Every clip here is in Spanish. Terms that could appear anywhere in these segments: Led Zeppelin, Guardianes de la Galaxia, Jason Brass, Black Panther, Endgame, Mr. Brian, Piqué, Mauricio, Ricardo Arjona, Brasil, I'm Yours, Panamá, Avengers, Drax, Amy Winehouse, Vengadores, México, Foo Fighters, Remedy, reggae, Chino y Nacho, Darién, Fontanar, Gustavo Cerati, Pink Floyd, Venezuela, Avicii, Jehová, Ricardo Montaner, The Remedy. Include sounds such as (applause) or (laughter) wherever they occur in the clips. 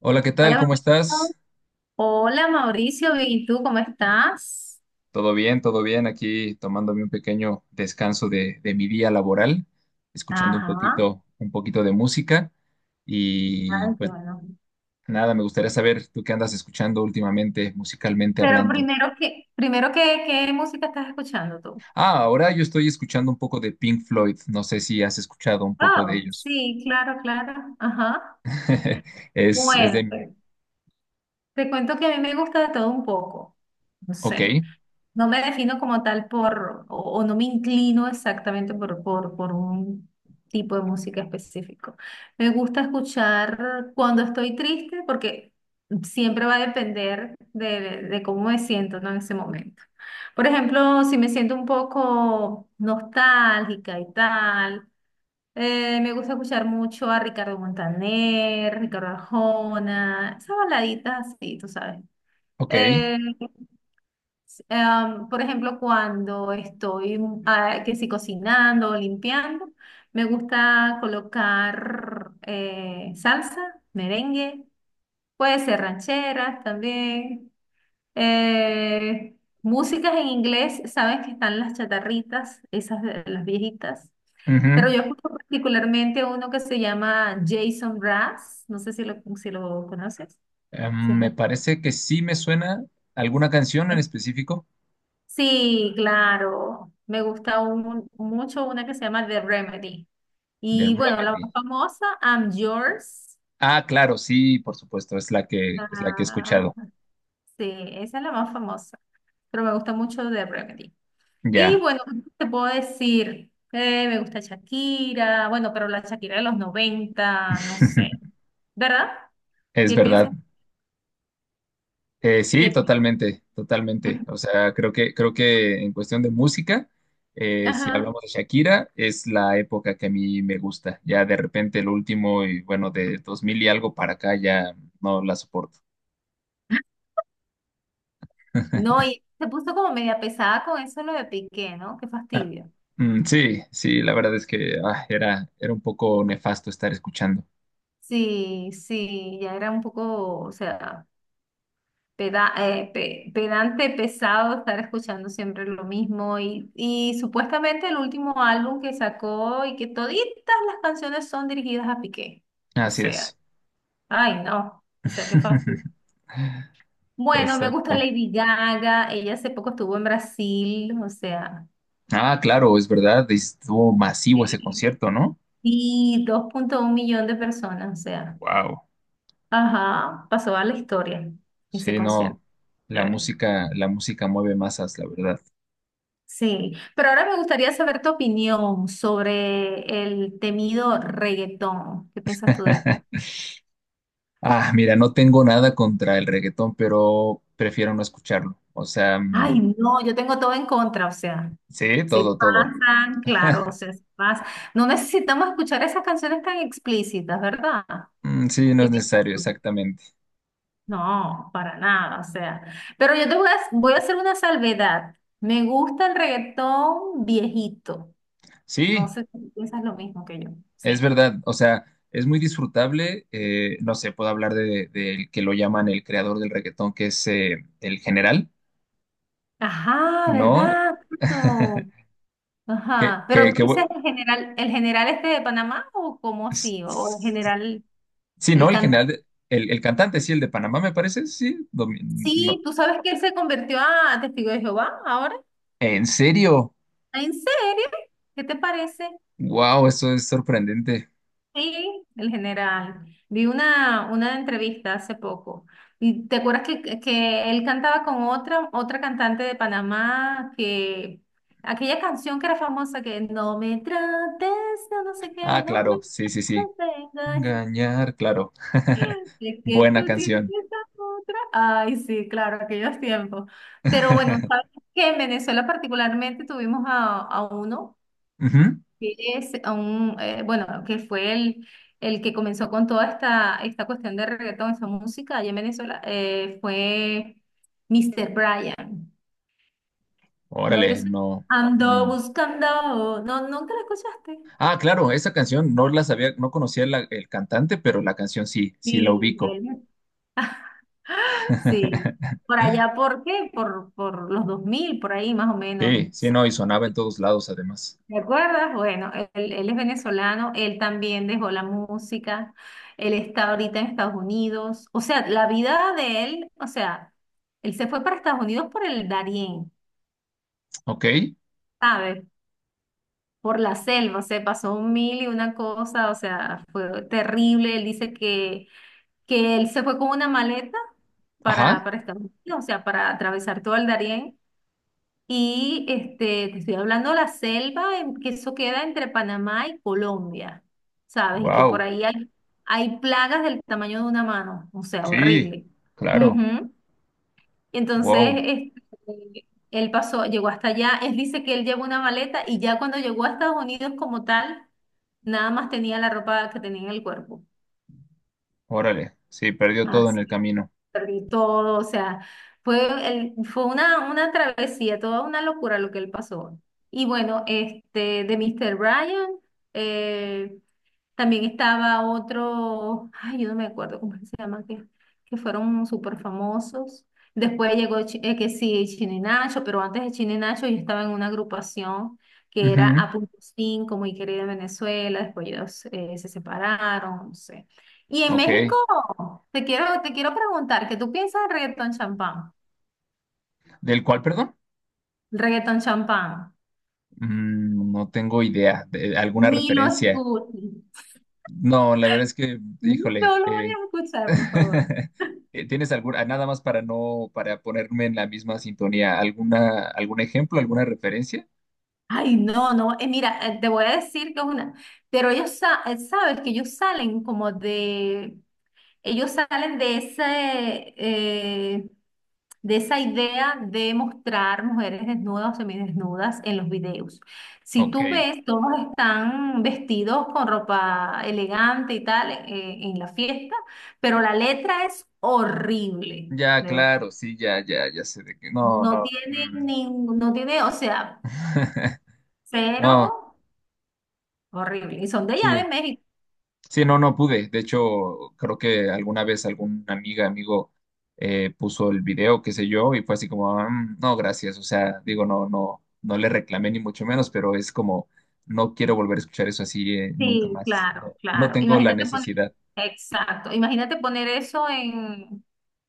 Hola, ¿qué tal? Hola ¿Cómo Mauricio. estás? Hola Mauricio, bien, ¿y tú cómo estás? Todo bien, todo bien. Aquí tomándome un pequeño descanso de mi día laboral, escuchando Ajá, un poquito de música. Y ay, qué pues bueno. nada, me gustaría saber tú qué andas escuchando últimamente, musicalmente Pero hablando. primero que, ¿qué música estás escuchando tú? Ah, ahora yo estoy escuchando un poco de Pink Floyd. No sé si has escuchado un poco de Oh, ellos. sí, claro, claro. Ajá. (laughs) Es Bueno, de... pues, te cuento que a mí me gusta de todo un poco. No Ok, sé. No me defino como tal por, o no me inclino exactamente por, por un tipo de música específico. Me gusta escuchar cuando estoy triste porque siempre va a depender de cómo me siento, ¿no? En ese momento. Por ejemplo, si me siento un poco nostálgica y tal, me gusta escuchar mucho a Ricardo Montaner, Ricardo Arjona, esas baladitas así, tú sabes. ok. Eh, por ejemplo, cuando estoy que si cocinando o limpiando, me gusta colocar salsa, merengue, puede ser rancheras también. eh, Músicas en inglés, sabes que están las chatarritas, esas de las viejitas. Ujú. Pero yo escucho particularmente uno que se llama Jason Brass, no sé si lo conoces. Si Me has- parece que sí me suena alguna canción en específico Sí, claro. Me gusta mucho una que se llama The Remedy. de Y bueno, la más Remedy. famosa, I'm Yours. Ah, claro, sí, por supuesto, es la que he Ah, escuchado. sí, esa es la más famosa. Pero me gusta mucho The Remedy. Y Ya. bueno, ¿qué te puedo decir? Me gusta Shakira. Bueno, pero la Shakira de los 90, no sé. (laughs) ¿Verdad? Es ¿Qué piensas? verdad. Sí, ¿Qué? totalmente, totalmente. Ujú. O sea, creo que en cuestión de música, si Ajá. hablamos de Shakira, es la época que a mí me gusta. Ya de repente el último y bueno, de 2000 y algo para acá ya no la soporto. No, (laughs) y se puso como media pesada con eso lo de Piqué, ¿no? Qué Ah, fastidio. mm, sí, sí, la verdad es que era un poco nefasto estar escuchando. Sí, sí, ya era un poco, o sea, pedante, pesado estar escuchando siempre lo mismo y supuestamente el último álbum que sacó y que toditas las canciones son dirigidas a Piqué. O Así sea, es. ay no, o sea, qué fastidio. (laughs) Bueno, me gusta Exacto. Lady Gaga, ella hace poco estuvo en Brasil, o sea, Ah, claro, es verdad, estuvo masivo ese sí, concierto, ¿no? y 2,1 millón de personas, o sea, Wow. ajá, pasó a la historia ese Sí, concierto. no. La música mueve masas, la verdad. (laughs) Sí, pero ahora me gustaría saber tu opinión sobre el temido reggaetón. ¿Qué piensas tú de eso? Ah, mira, no tengo nada contra el reggaetón, pero prefiero no escucharlo. O sea, mm, Ay, no, yo tengo todo en contra, o sea, sí, se todo, todo. pasan, claro, o sea, se pasan. No necesitamos escuchar esas canciones tan explícitas, ¿verdad? Mm, sí, no ¿Qué es dices necesario, tú? exactamente. No, para nada, o sea. Pero yo voy a hacer una salvedad. Me gusta el reggaetón viejito. No Sí, sé si piensas lo mismo que yo. es Sí. verdad. O sea, es muy disfrutable. No sé, puedo hablar del que lo llaman el creador del reggaetón, que es el general, Ajá, ¿no? ¿verdad? Claro. (laughs) Que, Ajá, pero que, tú que dices bu- el general este de Panamá o cómo S- así, o el s- general, Sí, no, el el cantante. general, el cantante, sí, el de Panamá, me parece, sí. Sí, No. tú sabes que él se convirtió a testigo de Jehová ahora. ¿En serio? Ah, ¿en serio? ¿Qué te parece? Wow, eso es sorprendente. Sí, el general. Vi una entrevista hace poco. ¿Y te acuerdas que él cantaba con otra cantante de Panamá que aquella canción que era famosa que no me trates, de no sé Ah, qué, no me claro, sí, sí, sí. trates de engañar? Engañar, claro. (laughs) De que Buena tú tienes canción. esa otra. Ay, sí, claro, aquellos tiempos. Pero bueno, sabes (laughs) que en Venezuela particularmente tuvimos a uno Ujú. que es a un, bueno, que fue el que comenzó con toda esta cuestión de reggaetón, esa música allá en Venezuela, fue Mr. Brian. ¿No te Órale, suena? no. Ando Mm. buscando. No, nunca la escuchaste. Ah, claro, esa canción no la sabía, no conocía el cantante, pero la canción sí, sí la Sí, ubico. él. (laughs) Sí, (laughs) por allá, ¿por qué? Por los 2000 por ahí más o menos. Sí, sí, no, y sonaba en todos lados además. ¿Te acuerdas? Bueno, él es venezolano, él también dejó la música, él está ahorita en Estados Unidos, o sea, la vida de él, o sea, él se fue para Estados Unidos por el Darién, Ok, ¿sabes? Por la selva, se pasó un mil y una cosa, o sea, fue terrible, él dice que él se fue con una maleta para, ajá, para Estados Unidos, o sea, para atravesar todo el Darién. Y este, te estoy hablando de la selva, que eso queda entre Panamá y Colombia, ¿sabes? Y que por wow, ahí hay plagas del tamaño de una mano, o sea, sí, horrible. claro. Ujú. Entonces, Wow, este, él pasó, llegó hasta allá, él dice que él llevó una maleta y ya cuando llegó a Estados Unidos como tal, nada más tenía la ropa que tenía en el cuerpo. órale. Sí, perdió todo en el Así camino. perdí todo, o sea, fue, fue una travesía, toda una locura lo que él pasó. Y bueno, este, de Mr. Ryan, eh, también estaba otro, ay, yo no me acuerdo cómo es que se llama, que fueron súper famosos. Después llegó que sí, Chino y Nacho, pero antes de Chino y Nacho yo estaba en una agrupación que era Ujú, A.5, muy querida en Venezuela, después ellos se separaron, no sé. Y en México, ok. te quiero preguntar, ¿qué tú piensas del reggaetón champán? ¿Del cual, perdón? El reggaetón champán. Mm, no tengo idea. ¿De alguna Ni lo referencia? escuches. No, la verdad es que, No híjole. lo voy a escuchar, por favor. (laughs) ¿Tienes alguna, nada más para no, para ponerme en la misma sintonía, algún ejemplo, alguna referencia? Ay, no, no, mira, te voy a decir que es una, pero ellos, sabes que ellos salen como de, ellos salen de ese, eh, de esa idea de mostrar mujeres desnudas o semidesnudas en los videos. Si Ok. tú ves, todos están vestidos con ropa elegante y tal, en la fiesta, pero la letra es horrible, Ya, de verdad. claro, sí, ya, ya, ya sé de qué. No, No no. tiene Mm. ningún, no tiene, o sea, (laughs) No, cero. Horrible. Y son de allá sí. de México. Sí, no, no pude. De hecho, creo que alguna vez alguna amiga, amigo puso el video, qué sé yo, y fue así como, "Ah, Mm, no, gracias". O sea, digo, no, no, no le reclamé ni mucho menos, pero es como, no quiero volver a escuchar eso así nunca Sí, más. No, claro, no claro. tengo la Imagínate poner, necesidad. exacto. Imagínate poner eso en,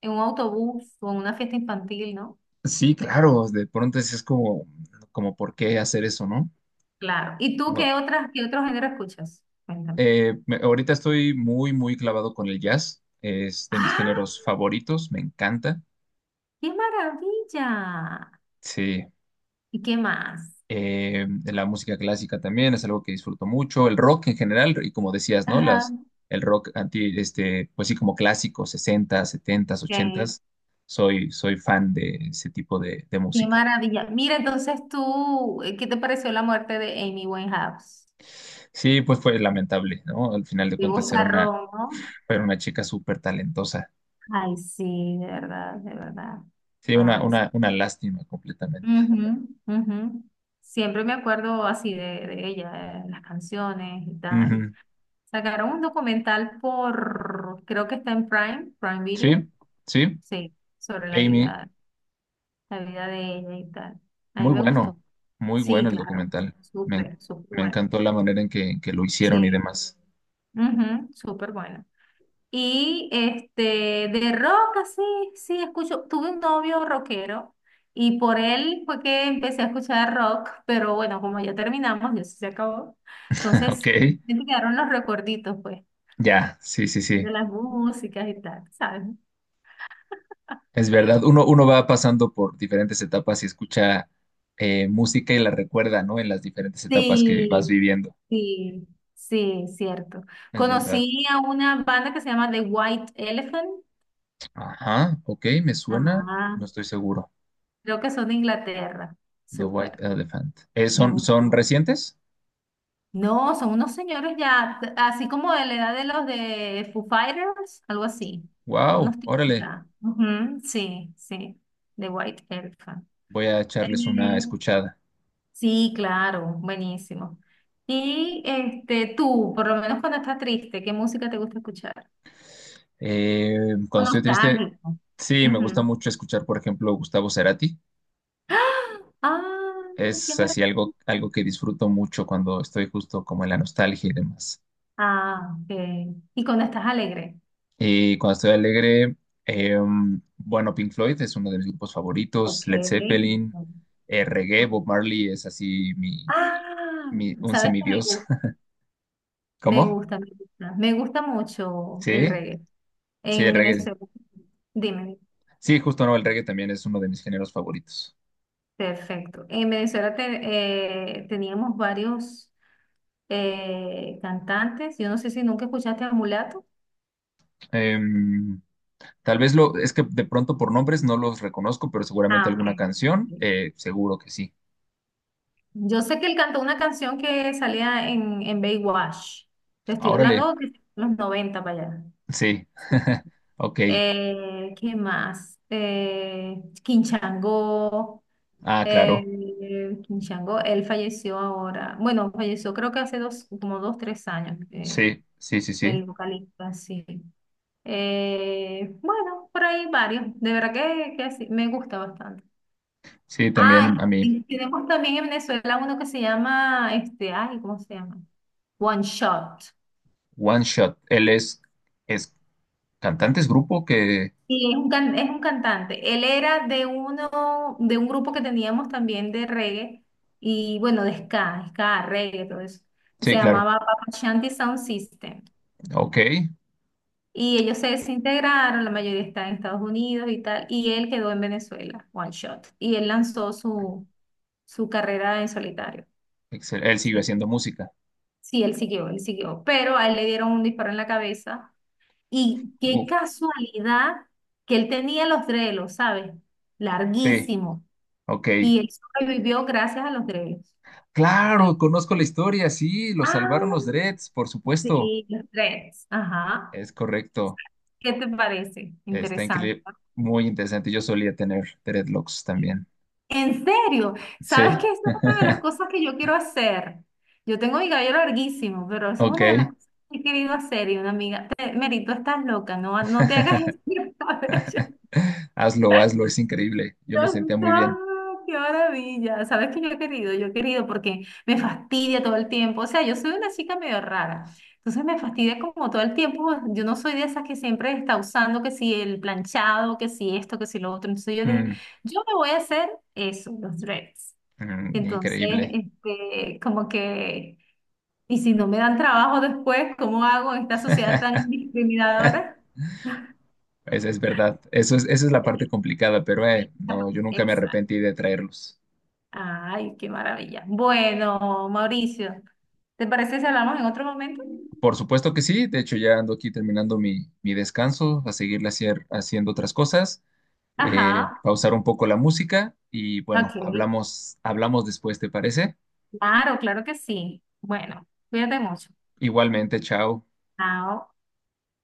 un autobús o en una fiesta infantil, ¿no? Sí, claro, de pronto es como, ¿por qué hacer eso, no? Claro. ¿Y tú No. qué otras, qué otro género escuchas? Cuéntame. Ahorita estoy muy, muy clavado con el jazz. Es de mis ¡Ah! géneros favoritos, me encanta. ¡Qué maravilla! Sí. ¿Y qué más? La música clásica también es algo que disfruto mucho. El rock en general, y como decías, ¿no? Ajá. El rock pues sí, como clásico, 60 70, 80. Ok. Soy fan de ese tipo de ¡Qué música. maravilla! Mira, entonces tú, ¿qué te pareció la muerte de Amy Winehouse? Sí, pues fue lamentable, ¿no? Al final de Qué cuentas era una, vozarrón, ¿no? era una chica súper talentosa. Ay, sí, de verdad, de verdad. Sí, una, Ay, una lástima completamente. ujú, ujú. Siempre me acuerdo así de ella, las canciones y tal. Ujú. Sacaron un documental por, creo que está en Prime, Prime Sí, Video, sí, sí, sobre la Amy, vida, de ella y tal. A mí muy me bueno, gustó. muy Sí, bueno el claro, documental. Me, súper, súper me bueno. encantó la manera en que lo hicieron y Sí, demás. ujú, súper bueno. Y este, de rock, así, sí, escucho. Tuve un novio rockero y por él fue que empecé a escuchar rock, pero bueno, como ya terminamos, ya se acabó. Ok, Entonces, me quedaron los recuerditos, pues, ya, sí, sí, de sí. las músicas y tal, ¿sabes? Es verdad, uno va pasando por diferentes etapas y escucha música y la recuerda, ¿no? En las diferentes etapas que vas Sí, viviendo. sí, sí, cierto. Es verdad. Conocí a una banda que se llama The White Elephant. Ajá, ok, me suena, Ah, no estoy seguro. creo que son de Inglaterra. The White Súper, Elephant. Me ¿Son gustó. recientes? No, son unos señores ya, así como de la edad de los de Foo Fighters, algo así. Son Wow, unos tipos órale, ya. Ujú, sí, sí, de White Elephant. voy a echarles una Eh, escuchada. sí, claro, buenísimo. Y este, tú, por lo menos cuando estás triste, ¿qué música te gusta escuchar? Eh, O Cuando estoy triste, nostálgico. sí, me gusta Ujú. mucho escuchar, por ejemplo, Gustavo Cerati. Ah, qué Es así maravilla. algo que disfruto mucho cuando estoy justo como en la nostalgia y demás. Ah, ok. Y cuando estás alegre. Y cuando estoy alegre, eh, bueno, Pink Floyd es uno de mis grupos favoritos, Ok. Led Zeppelin, reggae, Bob Marley es así Ah, un ¿sabes qué? semidios. (laughs) Me ¿Cómo? gusta, me gusta. Me gusta mucho el Sí, reggae. sí, En el reggae. Venezuela, dime, Sí, justo no, el reggae también es uno de mis géneros favoritos. perfecto. En Venezuela teníamos varios cantantes. Yo no sé si nunca escuchaste a Mulato. Em, es que de pronto por nombres no los reconozco, pero seguramente Ah, ok. alguna canción, seguro que sí. Yo sé que él cantó una canción que salía en, Baywatch. Te Ah, estoy órale, hablando de los 90 para allá. sí, Sí. (laughs) ok. ¿Qué más? Quinchango. Ah, claro, Eh, Kim Chango, él falleció ahora, bueno, falleció creo que hace 2, como 2, 3 años, sí, sí, sí, el sí. vocalista, sí. Bueno, por ahí varios, de verdad que sí, me gusta bastante. Sí, también a Ah, mí. y tenemos también en Venezuela uno que se llama, este, ay, ¿cómo se llama? One Shot. One Shot. Él es cantante, es grupo que... Sí, es es un cantante. Él era de uno, de un grupo que teníamos también de reggae y bueno, de ska, ska, reggae, todo eso. Sí, Se claro. llamaba Papa Shanti Sound System. Ok. Y ellos se desintegraron, la mayoría está en Estados Unidos y tal, y él quedó en Venezuela, One Shot. Y él lanzó su carrera en solitario. Él sigue Sí, haciendo música. sí, él siguió, él siguió. Pero a él le dieron un disparo en la cabeza. Y qué Uf, casualidad que él tenía los drelos, ¿sabes? sí, Larguísimos. ok. Y él sobrevivió gracias a los dreads. A los- Claro, conozco la historia, sí, lo salvaron los Ah, dreads, por supuesto. sí, los dreads. Ajá. Es correcto. ¿Qué te parece? Está Interesante. increíble. Muy interesante. Yo solía tener dreadlocks Sí. también. En serio, ¿sabes Sí. qué? Esa es una de las (laughs) cosas que yo quiero hacer. Yo tengo mi cabello larguísimo, pero esa es una de las Ok. cosas que he querido hacer. Y una amiga, te, Merito, estás loca, no, no te hagas (laughs) (laughs) ese cabello. Hazlo, hazlo, es increíble. Yo Dios me sentía santo, muy bien. qué maravilla. ¿Sabes qué yo he querido? Yo he querido porque me fastidia todo el tiempo. O sea, yo soy una chica medio rara. Entonces me fastidia como todo el tiempo. Yo no soy de esas que siempre está usando que si el planchado, que si esto, que si lo otro. Entonces yo dije, Mm, yo me voy a hacer eso, los dreads. mm, Entonces, increíble. este, como que, y si no me dan trabajo después, ¿cómo hago en esta sociedad tan (laughs) discriminadora? Es verdad, eso es, esa es la parte complicada, pero no, (laughs) yo nunca me Exacto. arrepentí de traerlos. Ay, qué maravilla. Bueno, Mauricio, ¿te parece si hablamos en otro momento? Por supuesto que sí, de hecho ya ando aquí terminando mi descanso, a seguirle haciendo otras cosas, Ajá, pausar un poco la música y bueno, ok. hablamos después, ¿te parece? Claro, claro que sí. Bueno, cuídate mucho. Igualmente, chao. Chao.